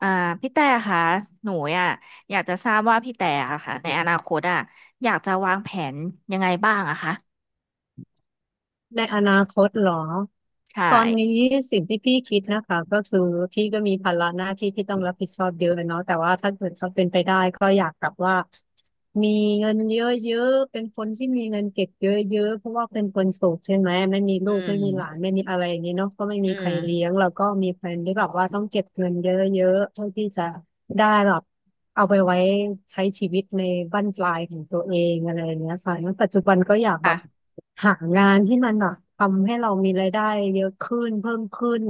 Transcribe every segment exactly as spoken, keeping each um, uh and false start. อ่าพี่แต่ค่ะหนูอ่ะอยากจะทราบว่าพี่แต่อะค่ะในอนาคตอ่ะอยากจะวางแผนยังไงบ้างอะคะในอนาคตเหรอใช่ตอนนี้สิ่งที่พี่คิดนะคะก็คือพี่ก็มีภาระหน้าที่ที่ต้องรับผิดชอบเยอะเนาะแต่ว่าถ้าเกิดเขาเป็นไปได้ก็อยากแบบว่ามีเงินเยอะๆเป็นคนที่มีเงินเก็บเยอะๆเพราะว่าเป็นคนโสดใช่ไหมไม่มีอืลูกไม่มีหลานมไม่มีอะไรอย่างนี้เนาะก็ไม่อืมีใครเลี้ยมงแล้วก็มีแฟนที่แบบว่าต้องเก็บเงินเยอะๆเพื่อที่จะ ได้แบบเอาไปไว้ใช้ชีวิตในบั้นปลายของตัวเองอะไรอย่างเงี้ยค่ะแล้วปัจจุบันก็อยากแบบค่ะหางานที่มันแบบทำให้เรามีรายได้เยอะขึ้นเพิ่มขึ้น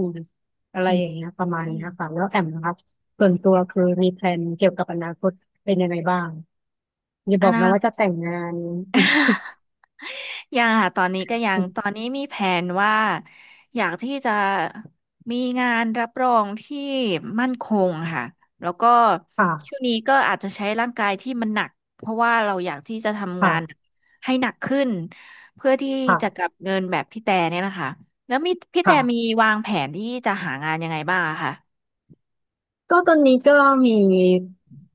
อะไรอืมอย่างเงี้ยประมาณอเนี้ยมค่ะแล้วแอมนะครับส่วนตัวคือมีแพลนเกี่ยวกับอนาคตเป็นยังไงบ้างอย่าอบอกนา นะ ว่าคจะแต่งงาน ต ยังค่ะตอนนี้ก็ยังตอน นี้มีแผนว่าอยากที่จะมีงานรับรองที่มั่นคงค่ะแล้วก็ช่วค่ะงนี้ก็อาจจะใช้ร่างกายที่มันหนักเพราะว่าเราอยากที่จะทำงานค่ะให้หนักขึ้นเพื่อที่จะกลัค่ะบเงินแบบพี่แต่เนี่ยนะคะแล้วมีพี่แต่มีค่ะ วางแผนที่จะหางานยังไงบ้างอะค่ะก็ตอนนี้ก็มี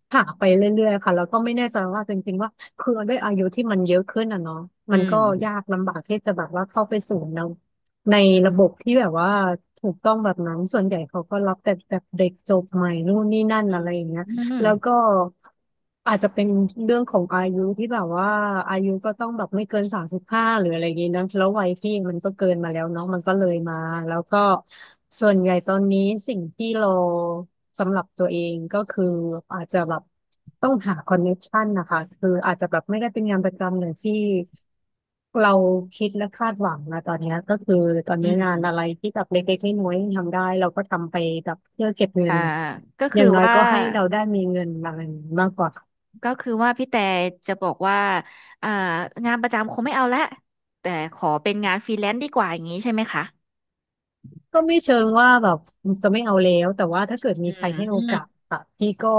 ผ่าไปเรื่อยๆค่ะแล้วก็ไม่แน่ใจว่าจริงๆว่าคือด้วยอายุที่มันเยอะขึ้นอ่ะเนาะอืมันก็ยามกลำบากที่จะแบบว่าเข้าไปสู่ในในระบบที่แบบว่าถูกต้องแบบนั้นส่วนใหญ่เขาก็รับแต่แบบเด็กจบใหม่นู่นนี่นั่นอือะมไรอย่างเงี้ย อืมแล้วก็อาจจะเป็นเรื่องของอายุที่แบบว่าอายุก็ต้องแบบไม่เกินสามสิบห้าหรืออะไรอย่างนี้นะแล้ววัยพี่มันก็เกินมาแล้วเนาะมันก็เลยมาแล้วก็ส่วนใหญ่ตอนนี้สิ่งที่เราสำหรับตัวเองก็คืออาจจะแบบต้องหาคอนเน ซี ที ชันนะคะคืออาจจะแบบไม่ได้เป็นงานประจำอย่างที่ เราคิดและคาดหวังนะตอนเนี้ยก็คือตอนอืนี้งานมอะไรที่แบบเล็กๆน้อยๆทำได้เราก็ทำไปแบบเพื่อเก็บเงิอ่านนะก็อคือย่างน้อยว่า ก็ให้เราได้มีเงินมาเงินมากกว่าก็คือว่าพี่แต่จะบอกว่าอ่างานประจำคงไม่เอาละแต่ขอเป็นงานฟรีแลนซ์ดีกว่าอย่างนี้ใช่ไหมคะก็ไม่เชิงว่าแบบจะไม่เอาแล้วแต่ว่าถ้าเกิดอืมีใครมให้อืโอมกาสค่ะพี่ก็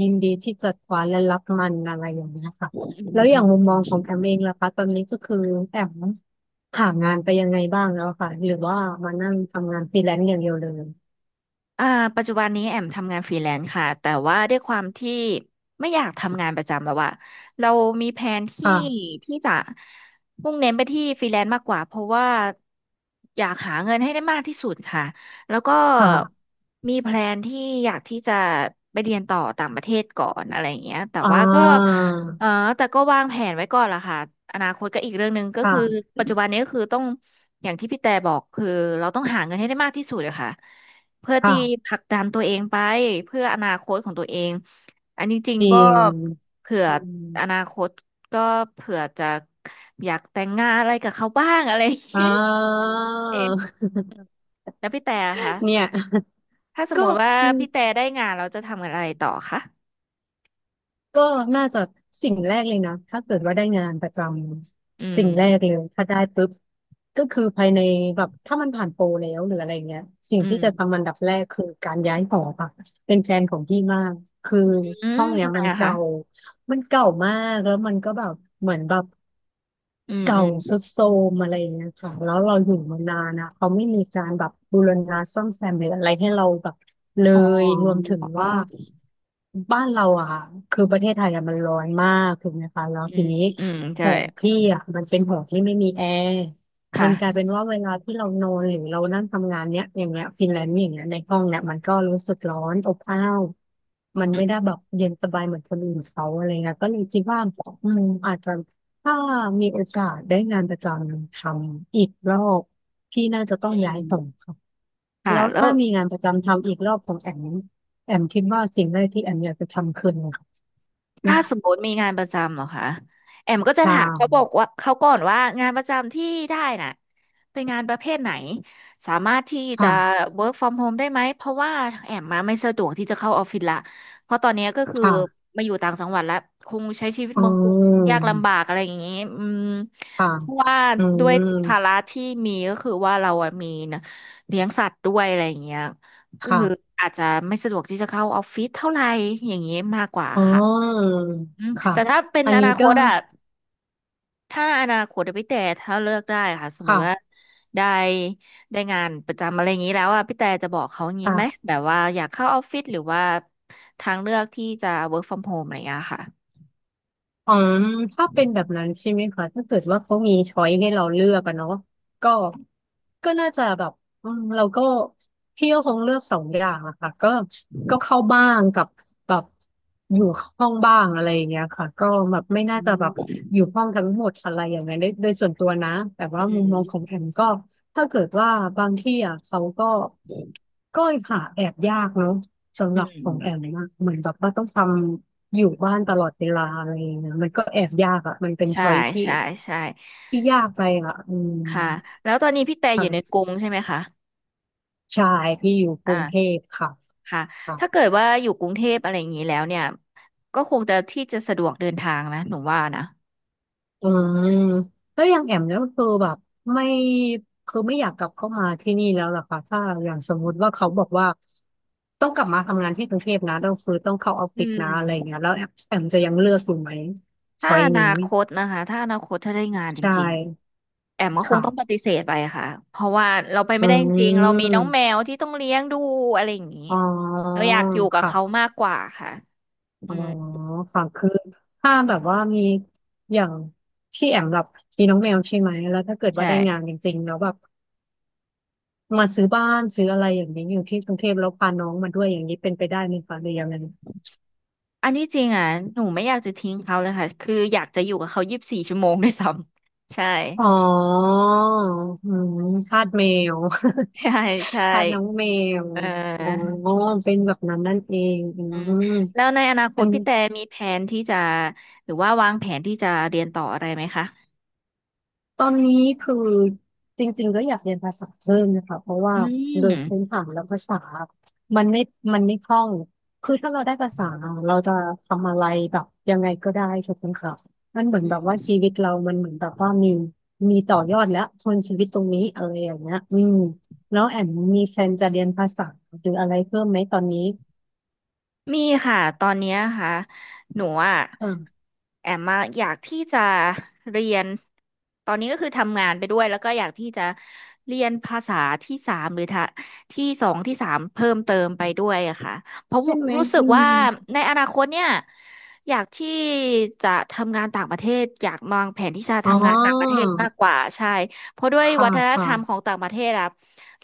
ยินดีที่จะคว้าและรับมันอะไรอย่างเงี้ยค่ะอืมแล้วอย่างมุมมอืองของแอมเอม งล่ะคะตอนนี้ก็คือแอมหางานไปยังไงบ้างแล้วค่ะหรือว่ามานั่งทำงานฟรีแลนซ์อย่างเดียวเลยอ่าปัจจุบันนี้แอมทำงานฟรีแลนซ์ค่ะแต่ว่าด้วยความที่ไม่อยากทำงานประจำแล้วอะเรามีแผนที่ค่ะที่จะมุ่งเน้นไปที่ฟรีแลนซ์มากกว่าเพราะว่าอยากหาเงินให้ได้มากที่สุดค่ะแล้วก็ค่ะ มีแพลนที่อยากที่จะไปเรียนต่อต่างประเทศก่อนอะไรอย่างเงี้ยแต่อ่ว่าก็าเออแต่ก็วางแผนไว้ก่อนล่ะค่ะอนาคตก็อีกเรื่องหนึ่งก็คือค่ะปัจจุบันนี้ก็คือต้องอย่างที่พี่แต่บอกคือเราต้องหาเงินให้ได้มากที่สุดอะค่ะ เพื่อค่ะที่ผลักดันตัวเองไปเพื่ออนาคตของตัวเองอันนี้จริงจริก็งเผื่อจริงอนาคตก็เผื่อจะอยากแต่งงานอะไรกับเขาบ้างอะไรอย่างอ่า นี้ อืมเองแล้วพี่แต่อะคะ เนี่ย ถ้าส มก็มติว่ามันพี่แต่ได้งานเราจะทำอะไรต่อคะก็น่าจะสิ่งแรกเลยนะ ถ้าเกิดว่าได้งานประจอืำมสิ่งแรกเลยถ้าได้ปุ๊บก็คือภายในแบบถ้ามันผ่านโปรแล้วหรืออะไรเงี้ยสิ่งอืที่จะมทำอันดับแรกคือการย้ายหอค่ะเป็นแฟนของพี่มากคืออืห้มองเนี้ยทำไมมันอะคะเก่ามันเก่ามากแล้วมันก็แบบเหมือนแบบ อืมอืเก่ามทรุดโทรมอะไรอย่างเงี้ยค่ะแล้วเราอยู่มานานนะเขาไม่มีการแบบบูรณะซ่อมแซมหรืออะไรให้เราแบบเลอ๋อยรวมถึงว่าบ้านเราอะค่ะคือประเทศไทยอะมันร้อนมากถูกไหมคะแล้วอืทีมนี้อืมหใช่อพี่อ่ะมันเป็นหอที่ไม่มีแอร์มันกลายค่ะเป็นว่าเวลาที่เรานอนหรือเรานั่งทำงานเนี้ยอย่างเงี้ยฟินแลนด์อย่างเงี้ยในห้องเนี้ยมันก็รู้สึกร้อนอบอ้าวมันอืไม่ได้มแบบเย็นสบายเหมือนคนอื่นเขาอะไรเงี้ยก็เลยคิดว่าอืมอาจจะ ถ้ามีโอกาสได้งานประจำทำอีกรอบพี่น่าจะอืต้องย้ายฝั่งมค่ะค่ะแล้วแล้ว ถ้ามีงานประจำทำอีกรอบของแอมแอมคิดว่าสิ่งแรกที่แอมอยากจะทำคืออะไรคะถ้าสมมติมีงานประจำเหรอคะแอมก็จะชาถามเขาบอกว่าเขาก่อนว่างานประจำที่ได้น่ะเป็นงานประเภทไหนสามารถที่จะ ค่ะ work from home ได้ไหมเพราะว่าแอมมาไม่สะดวกที่จะเข้าออฟฟิศละเพราะตอนเนี้ยก็คือค่ะมาอยู่ต่างจังหวัดแล้วคงใช้ชีวิตอืเมืองกรุงยากมลำบากอะไรอย่างนี้อืมค่ะเพราะว่าอืด้วยภาระมที่มีก็คือว่าเราอะมีนะเลี้ยงสัตว์ด้วยอะไรอย่างเงี้ยก็คือค่ะอาจจะไม่สะดวกที่จะเข้าออฟฟิศเท่าไหร่อย่างนี้มากกว่าอ๋อค่ะ อืมค่ะแต่ถ้าเป็นอันอนี้นาคก็ตอะถ้าอนาคตอะพี่แต่ถ้าเลือกได้ค่ะสมมค่ะติว่าได้ได้งานประจำอะไรอย่างนี้แล้วอะพี่แต่จะบอกเขาอย่างนี้ค่ะ ไหมแบบว่าอยากเข้าออฟฟิศหรือว่าทางเลือกที่จะ work from home อะไรอย่างเงี้ยค่ะอ๋อถ้าเป็นแบบนั้นใช่ไหมคะถ้าเกิดว่าเขามีช้อยให้เราเลือกอะเนาะก็ก็น่าจะแบบอืมเราก็พี่ก็คงเลือกสองอย่างอะค่ะก็ก็เข้าบ้างกับแบบอยู่ห้องบ้างอะไรอย่างเงี้ยค่ะก็แบบไม่น่าจะแบอืบมอยู่ห้องทั้งหมดอะไรอย่างเงี้ยโดยโดยส่วนตัวนะแต่อืว่ามุมมองของมแอมก็ถ้าเกิดว่าบางที่อะเขาก็ก็หาแอบยากเนาะสำอืหรับของแอมมนะเหมือนแบบว่าต้องทำ อยู่บ้านตลอดเวลาอะไรอย่างเงี้ยมันก็แอบยากอ่ะมันเป็นใช่ช้อยที่ใช่ใช่ที่ยากไปอ่ะอืมค่ะแล้วตอนนี้พี่แต่อยู่ในค่ะกรุงใช่ไหมคะใชายที่อยู่กรุงเทอ่าพค่ะค่ะค่ะถ้าเกิดว่าอยู่กรุงเทพอะไรอย่างนี้แล้วเนี่ยก็คงจะที่จะสะดวกเดินทางนะหนูว่านะอืมแล้วอย่างแอมเนี่ยก็คือแบบไม่คือไม่อยากกลับเข้ามาที่นี่แล้วล่ะค่ะถ้าอย่างสมมุติว่าเขาบอกว่าต้องกลับมาทำงานที่กรุงเทพนะต้องคือต้องเข้าออฟอืฟิศนะอะไรอย่างม เงี้ยแล้วแอมแอมจะยังเลือกอยู่ไหมถ้าช้อยอนานี้คตนะคะถ้าอนาคตถ้าได้งานจใช่ริงๆแอมก็คงต้องปค่ะฏิเสธไปค่ะเพราะว่าเราไปอืไม่ได้จริงๆเรามีน้องแมมวที่ต้องเลี้ยงดูอะไรอย่างนี้อ๋อเราอยากอยู่กับเขาค่ะ มากกว่าค่ะอือ๋อมค่ะคือถ้าแบบว่ามีอย่างที่แอมแบบมีน้องแมวใช่ไหมแล้วถ้าเกิดว่าใช่ได้งานจริงๆแล้วแบบมาซื้อบ้านซื้ออะไรอย่างนี้อยู่ที่กรุงเทพแล้วพาน้องมาด้วยอย่างนี้เป็นไปได้ไหมคะหรือยังไงอันนี้จริงอ่ะหนูไม่อยากจะทิ้งเขาเลยค่ะคืออยากจะอยู่กับเขายี่สิบสี่ชั่วโมงด้วยซ้ำใช่ อ๋ออืมทาสแมว ใช่ใช่ ทาสน้องแมวเอออ๋อเป็นแบบนั้นนั่นเองอือืมมแล้วในอนาคอัตนนี้ พี่แต่มีแผนที่จะหรือว่าวางแผนที่จะเรียนต่ออะไรไหมคะตอนนี้คือจริงๆก็อยากเรียนภาษาเพิ่มนะคะเพราะว่าอืโดมยพื้นฐานแล้วภาษามันไม่มันไม่คล่องคือถ้าเราได้ภาษาเราจะทำอะไรแบบยังไงก็ได้ถูกไหมคะมันเหมือนอืแบบว่าชีม วิตเรามันเหมือนแบบว่ามีมีต่อยอดแล้วทนชีวิตตรงนี้อะไรอย่างเงี้ยอืมแล้วแอมมีแฟนจะเรียนภาษาหรืออะไรเพิ่มไหมตอนนี้มีค่ะตอนเนี้ยค่ะหนูอ่ะค่ะแอมมาอยากที่จะเรียนตอนนี้ก็คือทำงานไปด้วยแล้วก็อยากที่จะเรียนภาษาที่สามหรือทะที่สองที่สามเพิ่มเติมไปด้วยอะค่ะเพราะใช่ไหมรู้สึกอืว่ามในอนาคตเนี่ยอยากที่จะทำงานต่างประเทศอยากวางแผนที่จะอ๋อทำงานต่างประเทศมากกว่าใช่เพราะด้วยวัค่ะฒนธค่ะรรมของต่างประเทศอะ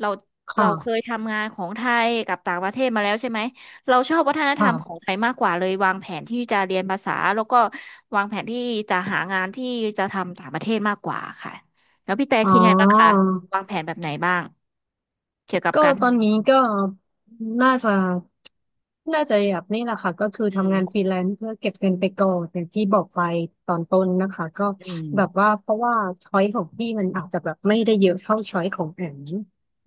เราเราเคยค่ะทำงานของไทยกับต่างประเทศมาแล้วใช่ไหม เราชอบวัฒนธรรมของค่ะไทยมากกว่าเลยวางแผนที่จะเรียนภาษาแล้วก็วางแผนที่จะหางานที่จะทำต่างประเทศมากกว่าค่ะแล้วพี่แต่อ๋อ คิดไงบ้างคะวางแผนแบบไหนบ้างเกี่ยวกับก็การตอนนี้ก็น่าจะน่าจะแบบนี่แหละค่ะก็คืออืทำงานฟมรีแลนซ์เพื่อเก็บเงินไปก่อนอย่างที่บอกไปตอนต้นนะคะก็อืมแบบว่าเพราะว่าช้อยของพี่มันอาจจะแบบไม่ได้เยอะเท่าช้อยของแอม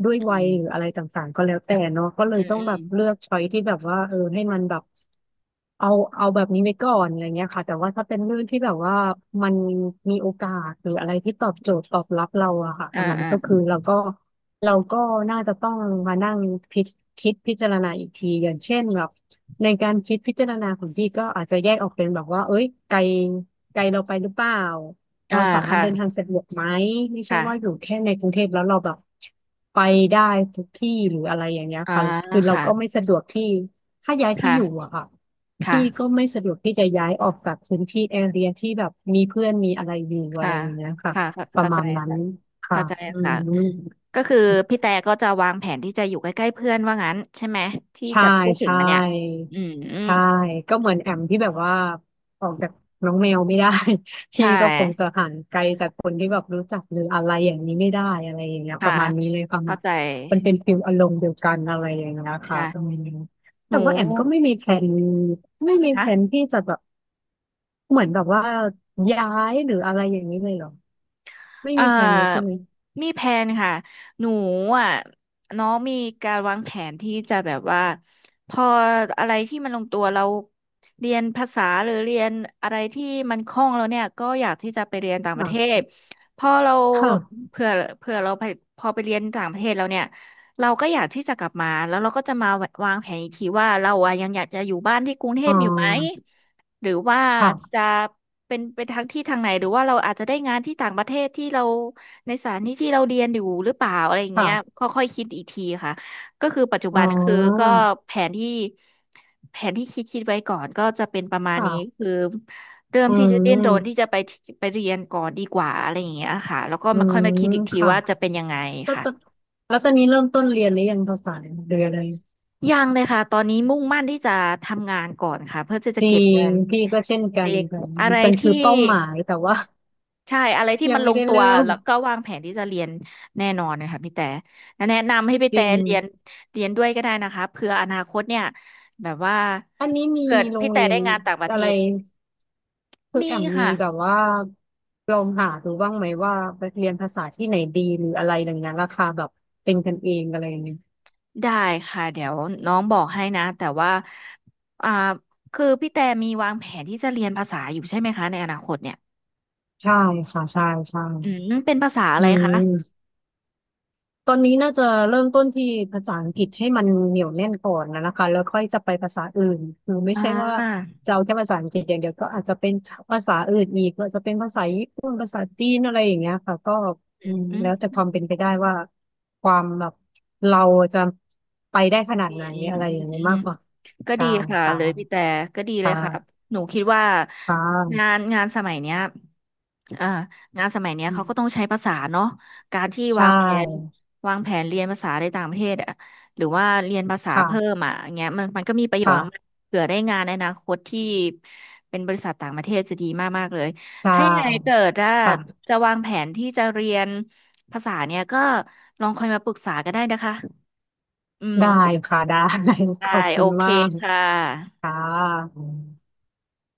ด้วยวัยอืหรืออะไรมต่างๆก็แล้วแต่เนาะก็เลอืยมต้องอืแบมบเลือกช้อยที่แบบว่าเออให้มันแบบเอาเอาแบบนี้ไว้ก่อนอะไรเงี้ยค่ะแต่ว่าถ้าเป็นเรื่องที่แบบว่ามันมีโอกาสหรืออะไรที่ตอบโจทย์ตอบรับเราอะค่ะอ่าสำหรับมัอ่านก็คือเราก็เราก็น่าจะต้องมานั่งพิจคิดพิจารณาอีกทีอย่างเช่นแบบในการคิดพิจารณาของพี่ก็อาจจะแยกออกเป็นแบบว่าเอ้ยไกลไกลเราไปหรือเปล่า อ่าเราสามารถค่ะเดินทางสะดวกไหมไม่ใช่ค่ะว่าอยู่แค่ในกรุงเทพแล้วเราแบบไปได้ทุกที่หรืออะไรอย่างเงี้ยอ่าค่ะคือเราค่ะก็ไม่สะดวกที่ถ้าย้ายที่ค่ะอยู่อะค่ะพี่ก็ค่ะไม่สะดวกที่จะย้ายออกจากพื้นที่แอเรียที่แบบมีเพื่อนมีอะไรอยู่อะค่ะไรอย่างเงี้ยค่ะค่ะเข้าประเข้าใจมาณนั้นค่ะค่ะเข้าใจอืม ค่ะก็คือพี่แต่ก็จะวางแผนที่จะอยู่ใกล้ๆเพื่อนว่างั้นใช่ไหมที่ใช่จะพูดถึงใช่มาเนี่ยอืม ใช่ก็เหมือนแอมที่แบบว่าออกจากน้องแมวไม่ได้ พี่ใช่ก็คงจะห่างไกลจากคนที่แบบรู้จักหรืออะไรอย่างนี้ไม่ได้อะไรอย่างเงี้ยปค่ะระมาณนี้เลยประมาเข้าณใจมันเป็นฟิลอารมณ์เดียวกันอะไรอย่างเงี้ยค่ะประค่ะมาณนี้หแต่นูว่าแอมก็ไม่มีแผนไม่มีแผนะนที่จะแบบเหมือนแบบว่าย้ายหรืออะไรอย่างนี้เลยเหรอไม่เอ่อมีแผนเลยใช่ไหมมีแผนค่ะหนูอ่ะน้องมีการวางแผนที่จะแบบว่าพออะไรที่มันลงตัวเราเรียนภาษาหรือเรียนอะไรที่มันคล่องแล้วเนี่ยก็อยากที่จะไปเรียนต่างปอ่ระเทะศพอเราค่ะเผื่อเผื่อเราไปพอไปเรียนต่างประเทศแล้วเนี่ยเราก็อยากที่จะกลับมาแล้วเราก็จะมาวางแผนอีกทีว่าเราอ่ะยังอยากจะอยู่บ้านที่กรุงเทอ๋อพอยู่ไหม หรือว่าจะค่ะเป็นเปนทางที่ทางไหนหรือว่าเราอาจจะได้งานที่ต่างประเทศที่เราในสถานที่ที่เราเรียนอยู่หรือเปล่าอะไรอย่างเงี้ยค่ะค่อยๆคิดอีกทีค่ะก็คือปัจจุอ๋อบันคือก็แผนที่แผนที่คิดคิดไว้ก่อนก็จะเป็นประมาณนี้ค่ะคือเริ่มอืที่จะดิ้นรนที่ม จะไปที่ไปเรียนก่อนดีกว่าอะไรอย่างเงี้ยค่ะแล้วก็อืมาค่อยมาคิมดอีกทีค่ะว่าจะเป็นยังไงก็ค่ะตอนแล้วตอนนี้เริ่มต้นเรียนหรือยังภาษาเดือนเลยยังเลยค่ะตอนนี้มุ่งมั่นที่จะทำงานก่อนค่ะเพื่อที่จะจริเก็บเงิงนพี่ก็เช่นกัจนริงค่ะอะไรมันคืที่ อเป้าหมายแต่ว่า ใช่อะไรที่ ยัมังนลไม่งได้ตัวเริ่มแล้วก็วางแผนที่จะเรียนแน่นอนนะคะพี่แต่และแนะนำให้พี่จแต่ริงเรียนเรียนด้วยก็ได้นะคะเผื่ออนาคตเนี่ยแบบว่าอันนี้มีเกิดโรพี่งแต่เรียได้นงานต่างประเทอะไรศคือมีแอมมีค่ะแบบว่าลองหาดูบ้างไหมว่าไปเรียนภาษาที่ไหนดีหรืออะไรอย่างเงี้ยราคาแบบเป็นกันเองอะไรอย่างเงี้ยได้ค่ะเดี๋ยวน้องบอกให้นะแต่ว่าอ่าคือพี่แต่มีวางแผนที่จะเรียนภาษาอยู่ใช่ไหมคะในอนาคตเนี่ยใช่ค่ะใช่ใช่อืมเป็นภาษาอะอืไรคะม ตอนนี้น่าจะเริ่มต้นที่ภาษาอังกฤษให้มันเหนียวแน่นก่อนนะนะคะแล้วค่อยจะไปภาษาอื่นคือไม่อ่าใช่ว่าจะเอาแค่ภาษาอังกฤษอย่างเดียวก็อาจจะเป็นภาษาอื่นอีกก็จะเป็นภาษาญี่ปุ่นภาษาจีนอะไรอย่างเงี้ยค่ะก็อือืมมอืมแล้วแต่ความเป็นไปได้ว่าความแบบเราจะไปได้ขนาอืดไหมนออะไรือมย่างอืนี้ยม มากกว่าก็ใช่ดีค่ะค่ะเลยพี่แต่ก็ดีเลยครับค่ะหนูคิดว่าค่งาะนงานสมัยเนี้ยเอ่องานสมัยเนี้ยอืมเขาก็ต้องใช้ภาษาเนาะการที่ใช่วางแผนวางแผนเรียนภาษาในต่างประเทศอะหรือว่าเรียนภาษาค่ะเพิ่มอ่ะอย่างเงี้ยมันมันก็มีประโยชน์อะมันค่ะเผื่อได้งานในอนาคตที่เป็นบริษัทต่างประเทศจะดีมากมากเลยใช่ถ้ายังไงเกิดว่าค่ะจะวางแผนที่จะเรียนภาษาเนี่ยก็ลองคอยมาปรึกษากันได้นะคะอืได้มค่ะได้ ขได้อบคุโอณเคมาก ค่ะค่ะ